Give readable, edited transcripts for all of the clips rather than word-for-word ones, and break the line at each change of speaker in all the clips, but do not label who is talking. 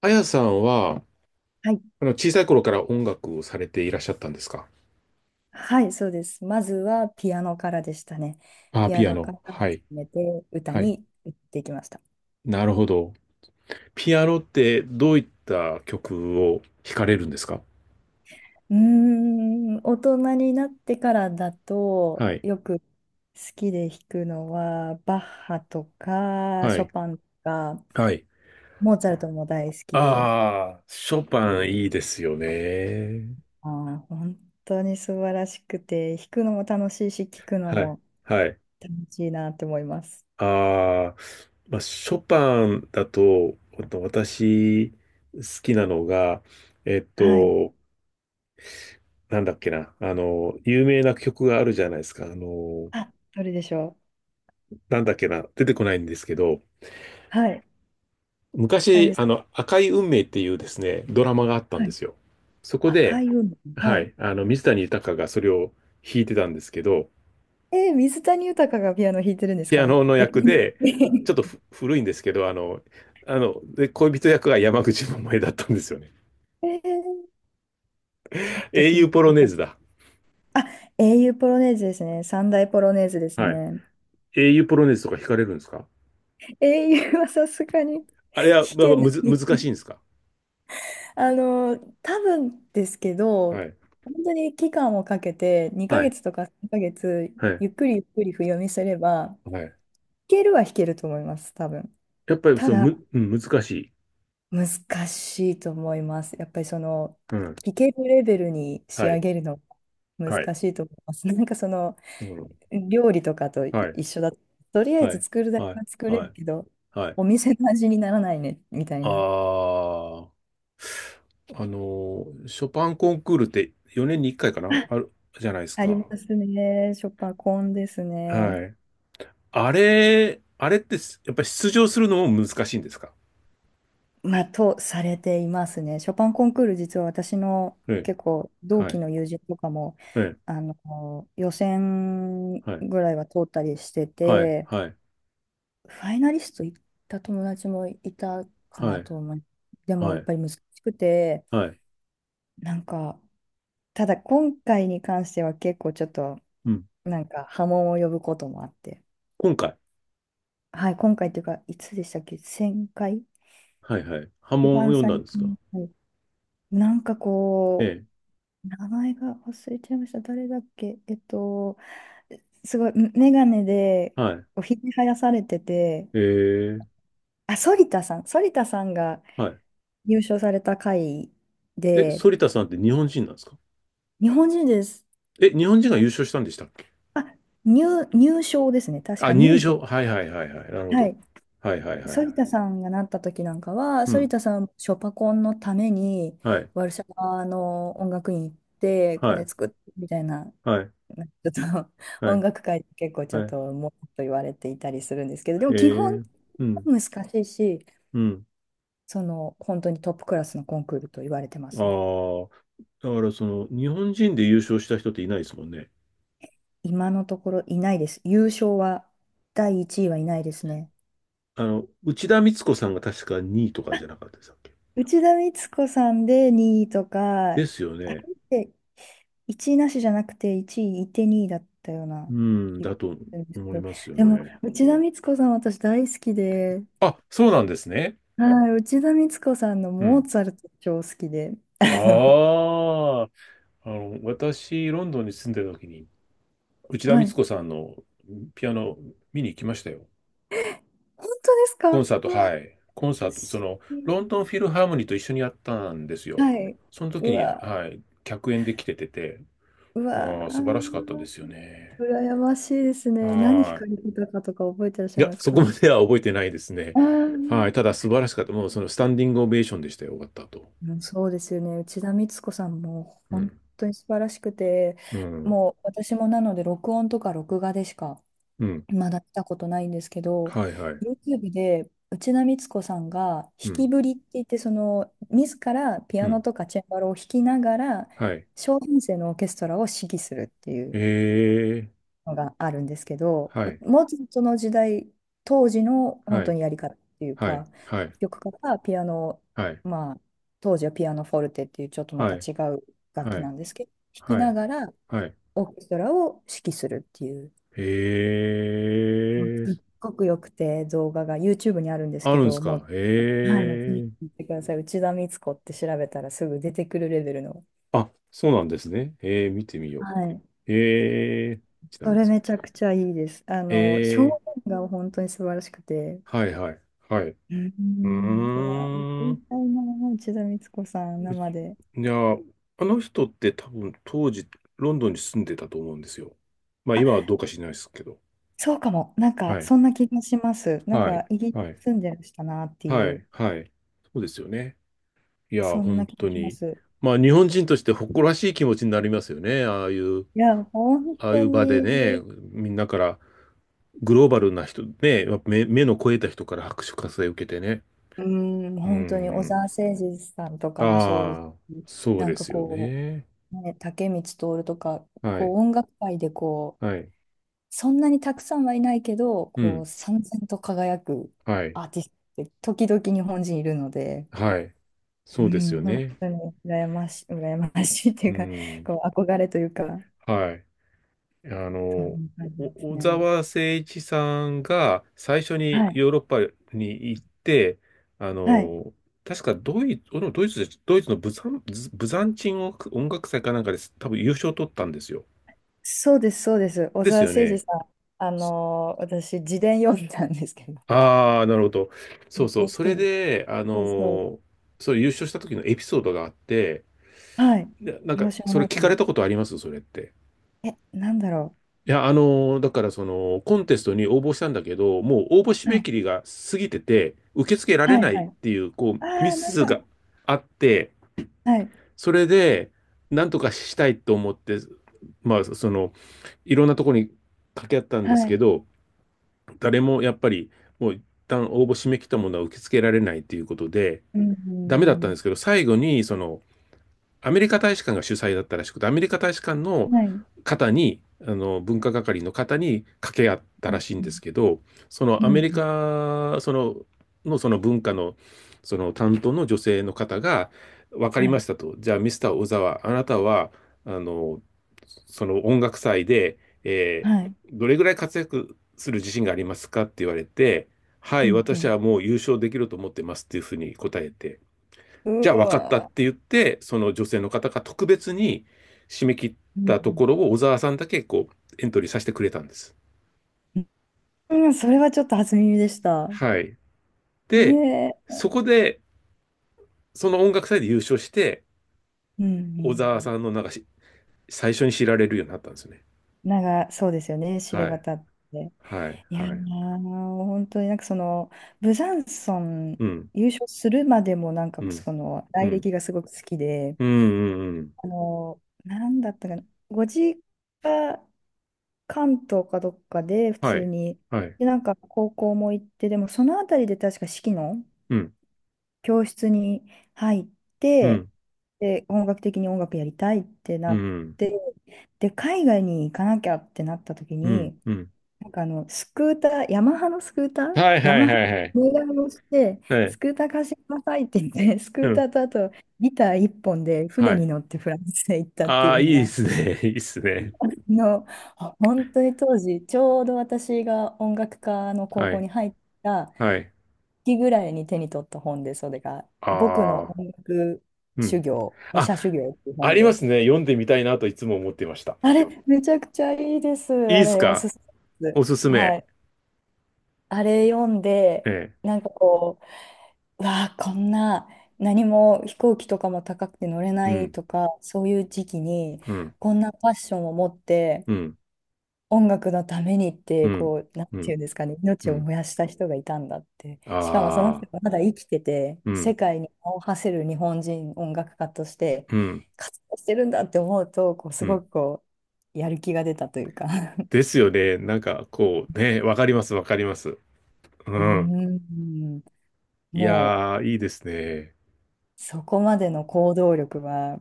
あやさんは、
はい、
小さい頃から音楽をされていらっしゃったんですか？
はい、そうです。まずはピアノからでしたね。
あ、
ピア
ピア
ノから
ノ。は
始
い。
めて歌
はい。
に行っていきました。
なるほど。ピアノってどういった曲を弾かれるんですか？
うーん、大人になってからだと
はい。
よく好きで弾くのはバッハとか
は
ショ
い。
パンとか
はい。
モーツァルトも大好きで、
ああ、ショパンいいですよね。
本当に素晴らしくて弾くのも楽しいし聴くの
はい。
も
はい。
楽しいなと思います。
ああ、まあ、ショパンだと、ほんと私、好きなのが、えっ
はい。
と、なんだっけな、有名な曲があるじゃないですか。
あ、どれでしょう。
なんだっけな、出てこないんですけど、
はい。あれ
昔、
ですか。
赤い運命っていうですね、ドラマがあったん
は
で
い。
すよ。そこ
赤
で、
い海。は
は
い。
い、水谷豊がそれを弾いてたんですけど、
えー、水谷豊がピアノ弾いてるんです
ピア
か？
ノの
え、かっ
役
こ
で、
い
ち
い。
ょっとふ古いんですけど、で、恋人役が山口百恵だったんですよね。
えーちょっと
英
気に
雄ポロネー
なる
ズ
か。
だ。
あ、英雄ポロネーズですね。三大ポロネーズです
はい。
ね。
英雄ポロネーズとか弾かれるんですか？
英雄はさすがに
あれは、
弾
まあ、ま
け
あ
な
む
い。
ず、難しいんですか？
あの、多分ですけど、
はい。
本当に期間をかけて、2
は
ヶ
い。
月とか3ヶ月、
はい。
ゆっくりゆっくり譜読みすれば、弾
はい。
けるは弾けると思います、多分。
やっぱり、
た
その、
だ
む、うん、難しい。
難しいと思います。やっぱりその
うん。
聞けるレベルに仕
は
上
い。
げるのが
はい。
難しいと思います。なんかその
うん。
料理とかと
はい。
一緒だと、とりあえ
は
ず
い、
作るだけ
はい、
は作れ
は
る
い、
けど、
はい。
お店の味にならないねみたい
あ
な。
あ、ショパンコンクールって4年に1回かなあ る、じゃないです
あり
か。
ますね。ショパンコンですね。
はい。あれってやっぱり出場するのも難しいんですか？
まあ、とされていますね。ショパンコンクール、実は私の
ええ、
結構同
は
期
い、
の友人とかも、
ええ、
予選
はい、
ぐらいは通ったりして
はい、
て、
はい、
ファイナリスト行った友達もいたか
は
な
い、
と思う。でも
は
やっ
い、
ぱり難しくて、
はい、
なんか、ただ今回に関しては結構ちょっと、
うん。
なんか波紋を呼ぶこともあって。
今回、
はい、今回っていうか、いつでしたっけ？ 1000 回
はい、はい。波
一
紋を
番
読んだん
最
ですか？
近。はい。なんか
え
こ
え、
う、名前が忘れちゃいました。誰だっけ。すごい、メガネで、
はい、
おひげ生やされてて、
ええ、
あ、反田さん、反田さんが
はい。
優勝された回
え、
で、
反田さんって日本人なんですか？
日本人です。
え、日本人が優勝したんでしたっけ？
あ、入賞ですね。確
あ、
か2
入
位と
賞、
か。
はいはいはいはい。なるほ
は
ど。
い。
はいはいはいはい。
反田さんがなった時なんかは、
う
反
ん。
田さん、ショパコンのために、
はい。
ワルシャワの音楽院行って、
は
コネ
い。
作ってみたいな、
はい。
なんかちょっと
は
音
い。
楽界で結構ちょっ
は
と、もっと言われていたりするんですけど、で
い。
も基本
へ
は
え。うん。
難しいし、
うん。
その、本当にトップクラスのコンクールと言われてま
あ
すね。
あ。だからその、日本人で優勝した人っていないですもんね。
今のところいないです。優勝は、第1位はいないですね。
あの、内田光子さんが確か2位とかじゃなかったでしたっけ？
内田光子さんで2位とか、
ですよ
あ
ね。
れって1位なしじゃなくて1位いいて2位だったよう
う
な
ん。
気
だ
がす
と
るんですけ
思い
ど、
ますよ
でも
ね。
内田光子さん私大好きで、
あ、そうなんですね。
はい、内田光子さんの
う
モ
ん。
ーツァルト超好きで、あの、
ああ。あの、私、ロンドンに住んでた時に、内田
は
光
い。
子さんのピアノ見に行きましたよ。
本当ですか？
コンサート、
うわ、
はい。コンサート、そ
し
の、ロンドンフィルハーモニーと一緒にやったんですよ。
はい。
その時
う
に、は
わ、
い、客演で来てて、
うわ、
ああ、素晴らしかったですよね。
羨ましいですね。何惹
は
かれてたかとか覚えてらっし
い。い
ゃい
や、
ます
そ
か？あ
こまでは覚えてないですね。
あ
はい。
ー。
ただ、素晴らしかった。もう、その、スタンディングオベーションでしたよ。終わった後。
うん、そうですよね。内田光子さんも
う
本
ん。
当に素晴らしくて、
うん。
もう私もなので録音とか録画でしか
うん。
まだ見たことないんですけど、
はい、はい。
YouTube で内田光子さんが弾
う
き
ん。
ぶりって言って、その自らピ
う
アノ
ん。
とかチェンバロを弾きながら、
はい。
小編成のオーケストラを指揮するっていう
ええ。
のがあるんですけど、
はい。
もうちょっとその時代、当時の
は
本当
い。
にやり方っていう
はい。
か、
はい。
作曲家がピアノ、
はい。
まあ、当時はピアノフォルテっていうちょっとま
は
た
い。
違う楽
は
器
い。
なんですけど、弾き
は
な
い。
がら
はい。
オーケストラを指揮するっていう、
ええ、
すっごくよくて、動画が YouTube にあるんです
あ
け
るんです
ど、も
か？
う、はい、もうぜ
へ
ひ
え。
見てください。内田光子って調べたらすぐ出てくるレベルの。
あ、そうなんですね。ええ、見てみよ
はい。
う。ええ、ちな
そ
みに。
れめちゃくちゃいいです。あ
え
の、表
え、
現が本当に素晴らしくて。
はいはい。はい。う
うん、う
ー
わ、行ってみ
ん。
たいな、内田光子さん、
うち
生で。
いや、あの人って多分当時、ロンドンに住んでたと思うんですよ。まあ
あ、
今はどうか知らないですけど。
そうかも。なんか、
はい。
そんな気がします。なん
はい。
か、イギリ
はい。
ス住んでらしたなって
は
い
い。
う、
はい。そうですよね。いや、
そんな
本
気
当
がしま
に。
す。
まあ日本人として誇らしい気持ちになりますよね。ああいう、
いや、本
ああい
当
う場でね、
に、
みんなから、グローバルな人、ね、やっぱ目の肥えた人から拍手喝采を受けてね。
うん、
う
本当に、小
ん。
澤征爾さんとかもそうです
ああ、
し、
そう
なん
で
か
すよ
こ
ね。
う、ね、竹光徹とか、
はい。
こう、音楽界でこ
はい。
う、そんなにたくさんはいないけど、
う
こう、
ん。
燦然と輝く
はい。
アーティストって、時々日本人いるので、
はい。
う
そうですよ
ん、本
ね。
当に羨ましい、羨ましいってい
う
うか、
ん。
こう憧れというか、
はい。あ
そん
の、
な感じで
お
す
小
ね。
沢誠一さんが最初
は
に
い、
ヨーロッパに行って、あ
はい、
の、確かドイツ、ドイツで、ドイツのブザン、ブザンチン音楽祭かなんかです。多分優勝を取ったんですよ。
そうです、そうです。小
です
澤
よ
征爾
ね。
さん、私、自伝読んだんですけど、
ああ、なるほど。そ
め
う
っち
そう。
ゃ好
そ
き
れ
で。
で、
そうそう。
ーそれ優勝した時のエピソードがあって、
はい、
で
プロシュも
それ
ない
聞
か
かれ
も。
たことありますそれって？
え、なんだろ
いや、だからその、コンテストに応募したんだけど、もう応募締
う。は
め
い、
切りが過ぎてて、受け付けられ
はい、
ない
は
っ
い。
ていう、こう、ミ
ああ、なん
ス
か、
があって、
はい、
それで、なんとかしたいと思って、まあ、その、いろんなとこに掛け合ったん
は
ですけ
い、
ど、誰もやっぱり、もう一旦応募締め切ったものは受け付けられないっていうことで、
うん、
ダメだっ
う
たん
ん
ですけど、最後に、その、アメリカ大使館が主催だったらしくて、アメリカ大使館
う
の
んはい、
方に、文化係の方に掛け合った
う
らしい
ん、
んですけど、その
う
ア
ん、
メリ
うん
カ、その、のその文化の、その担当の女性の方が、分かり
は
ま
い、
したと。じゃあ、ミスター小沢、あなたは、あの、その音楽祭で、えー
はい、
どれぐらい活躍する自信がありますかって言われて、は
う
い、私
ん、
はもう優勝できると思ってますっていうふうに答えて、
うん。
じゃ
う
あ分かったっ
わ
て言って、その女性の方が特別に締め切っ
ー、うん、う
たとこ
ん
ろを小沢さんだけこうエントリーさせてくれたんです。
うん、それはちょっと初耳でした。
はい。で、
ねえ。
そこで、その音楽祭で優勝して、
うんう
小沢
ん
さんのなんかし最初に知られるようになったんですよね。
なんか、そうですよね、知れ
はい。
渡って。
はい。
いやー、
はい。
本当になんかその、ブザンソン
うん。
優勝するまでもなんか
うん。
その、
う
来
ん。
歴がすごく好きで、
うん。うん。うん、
なんだったかな、ご実家、関東かどっかで普
は
通
い。
に、
はい。
で、なんか高校も行って、でもそのあたりで確か四季の、
うん。
教室に入っ
う
て、
ん。
で、本格的に音楽やりたいって
う
なっ
ん。
て、で、海外に行かなきゃってなった時
うん。
に、
うん。
なんかあの、スクーター、ヤマハのスクーター、
はい
ヤ
はい
マハ
はいはい。
の願いをして、
は
ス
い。
クーター貸してくださいって言って、スク
う
ータ
ん。
ーとあとギター一本で船
は
に
い。
乗ってフランスへ行ったって
あ
い
あ、い
うの
いで
が、
すね。いいですね。
の、本当に当時、ちょうど私が音楽科の高
は
校
い。
に入った
はい。
期ぐらいに手に取った本で、それが、僕の
ああ、
音楽
う
修
ん。
行、武
あ、
者修行っていう
あ
本
りま
で、
すね。読んでみたいなといつも思っていました。
あれ、めちゃくちゃいいです。
いい
あ
です
れ、お
か？
すすめで
おすす
す。は
め。
い。あれ読んで、
ええ。
なんかこう、うわあ、こんな、何も飛行機とかも高くて乗れ
う
ない
ん、
とか、そういう時期に、
うん、
こんなファッションを持って、
うん、
音楽のためにっ
う
て、
ん、
こう、なん
う
てい
ん、
うんですかね、
う
命を
ん。
燃やした人がいたんだって。しかもその
あ
人
あ、
がまだ生きてて、
う
世
ん、
界に名を馳せる日本人音楽家として
うん、
活動してるんだって思うと、こう、
う
すご
ん。
くこう、やる気が出たというか。
ですよね。なんか、こう、ね、わかります、わかります。う
うー
ん。
ん、
い
も
やー、いいですね。
う、そこまでの行動力は、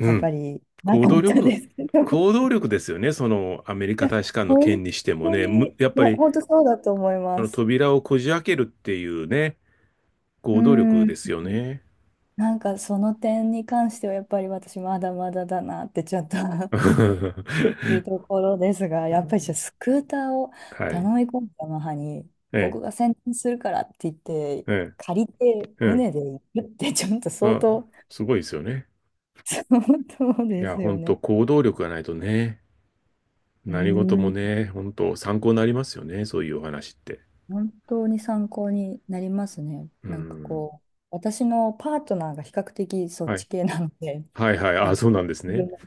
う
やっぱ
ん。
りな
行
か
動
った
力。
ですけど い
行動力ですよね。その、アメリカ
や、
大使館の
本
件にしても
当
ね。
に、い
やっぱ
や、
り、
本当そうだと思います。
扉をこじ開けるっていうね、
う
行動
ー
力
ん。
ですよね。
なんかその点に関してはやっぱり私まだまだだなってちょっと する
は
ところですが、やっぱりじゃあスクーターを頼
い。
み込んだ母に
え
僕が先伝するからって言って
え、え
借りて
え、
船で行くってちょっと
う
相
ん。あ、
当。
すごいですよね。
そう
い
で
や、
すよ
本当
ね。
行動力がないとね、
う
何事も
ーん、
ね、本当参考になりますよね。そういうお話って。
本当に参考になりますね。
う
なんか
ん。
こう、私のパートナーが比較的そっ
はい。
ち系なので、
はいはい。
な
あ、
んか、
そうなんです
自
ね。
分も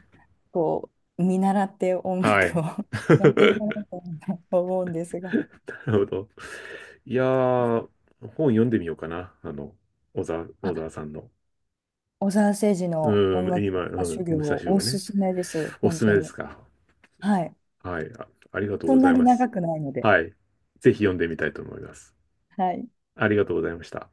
こう、見習って音
は
楽
い。
を やっていかな いと思うんですが。
なるほど。いやー、本読んでみようかな。
あ、
小沢さんの。
小澤征爾の音
うん、
楽
今、
家修
うん、
行
武
を
蔵
お
を
す
ね。
すめです。
おす
本
すめ
当
です
に。
か？
はい。
はい。あ、ありがとう
そ
ご
ん
ざ
な
い
に
ます。
長くないので。
はい。ぜひ読んでみたいと思います。
はい。
ありがとうございました。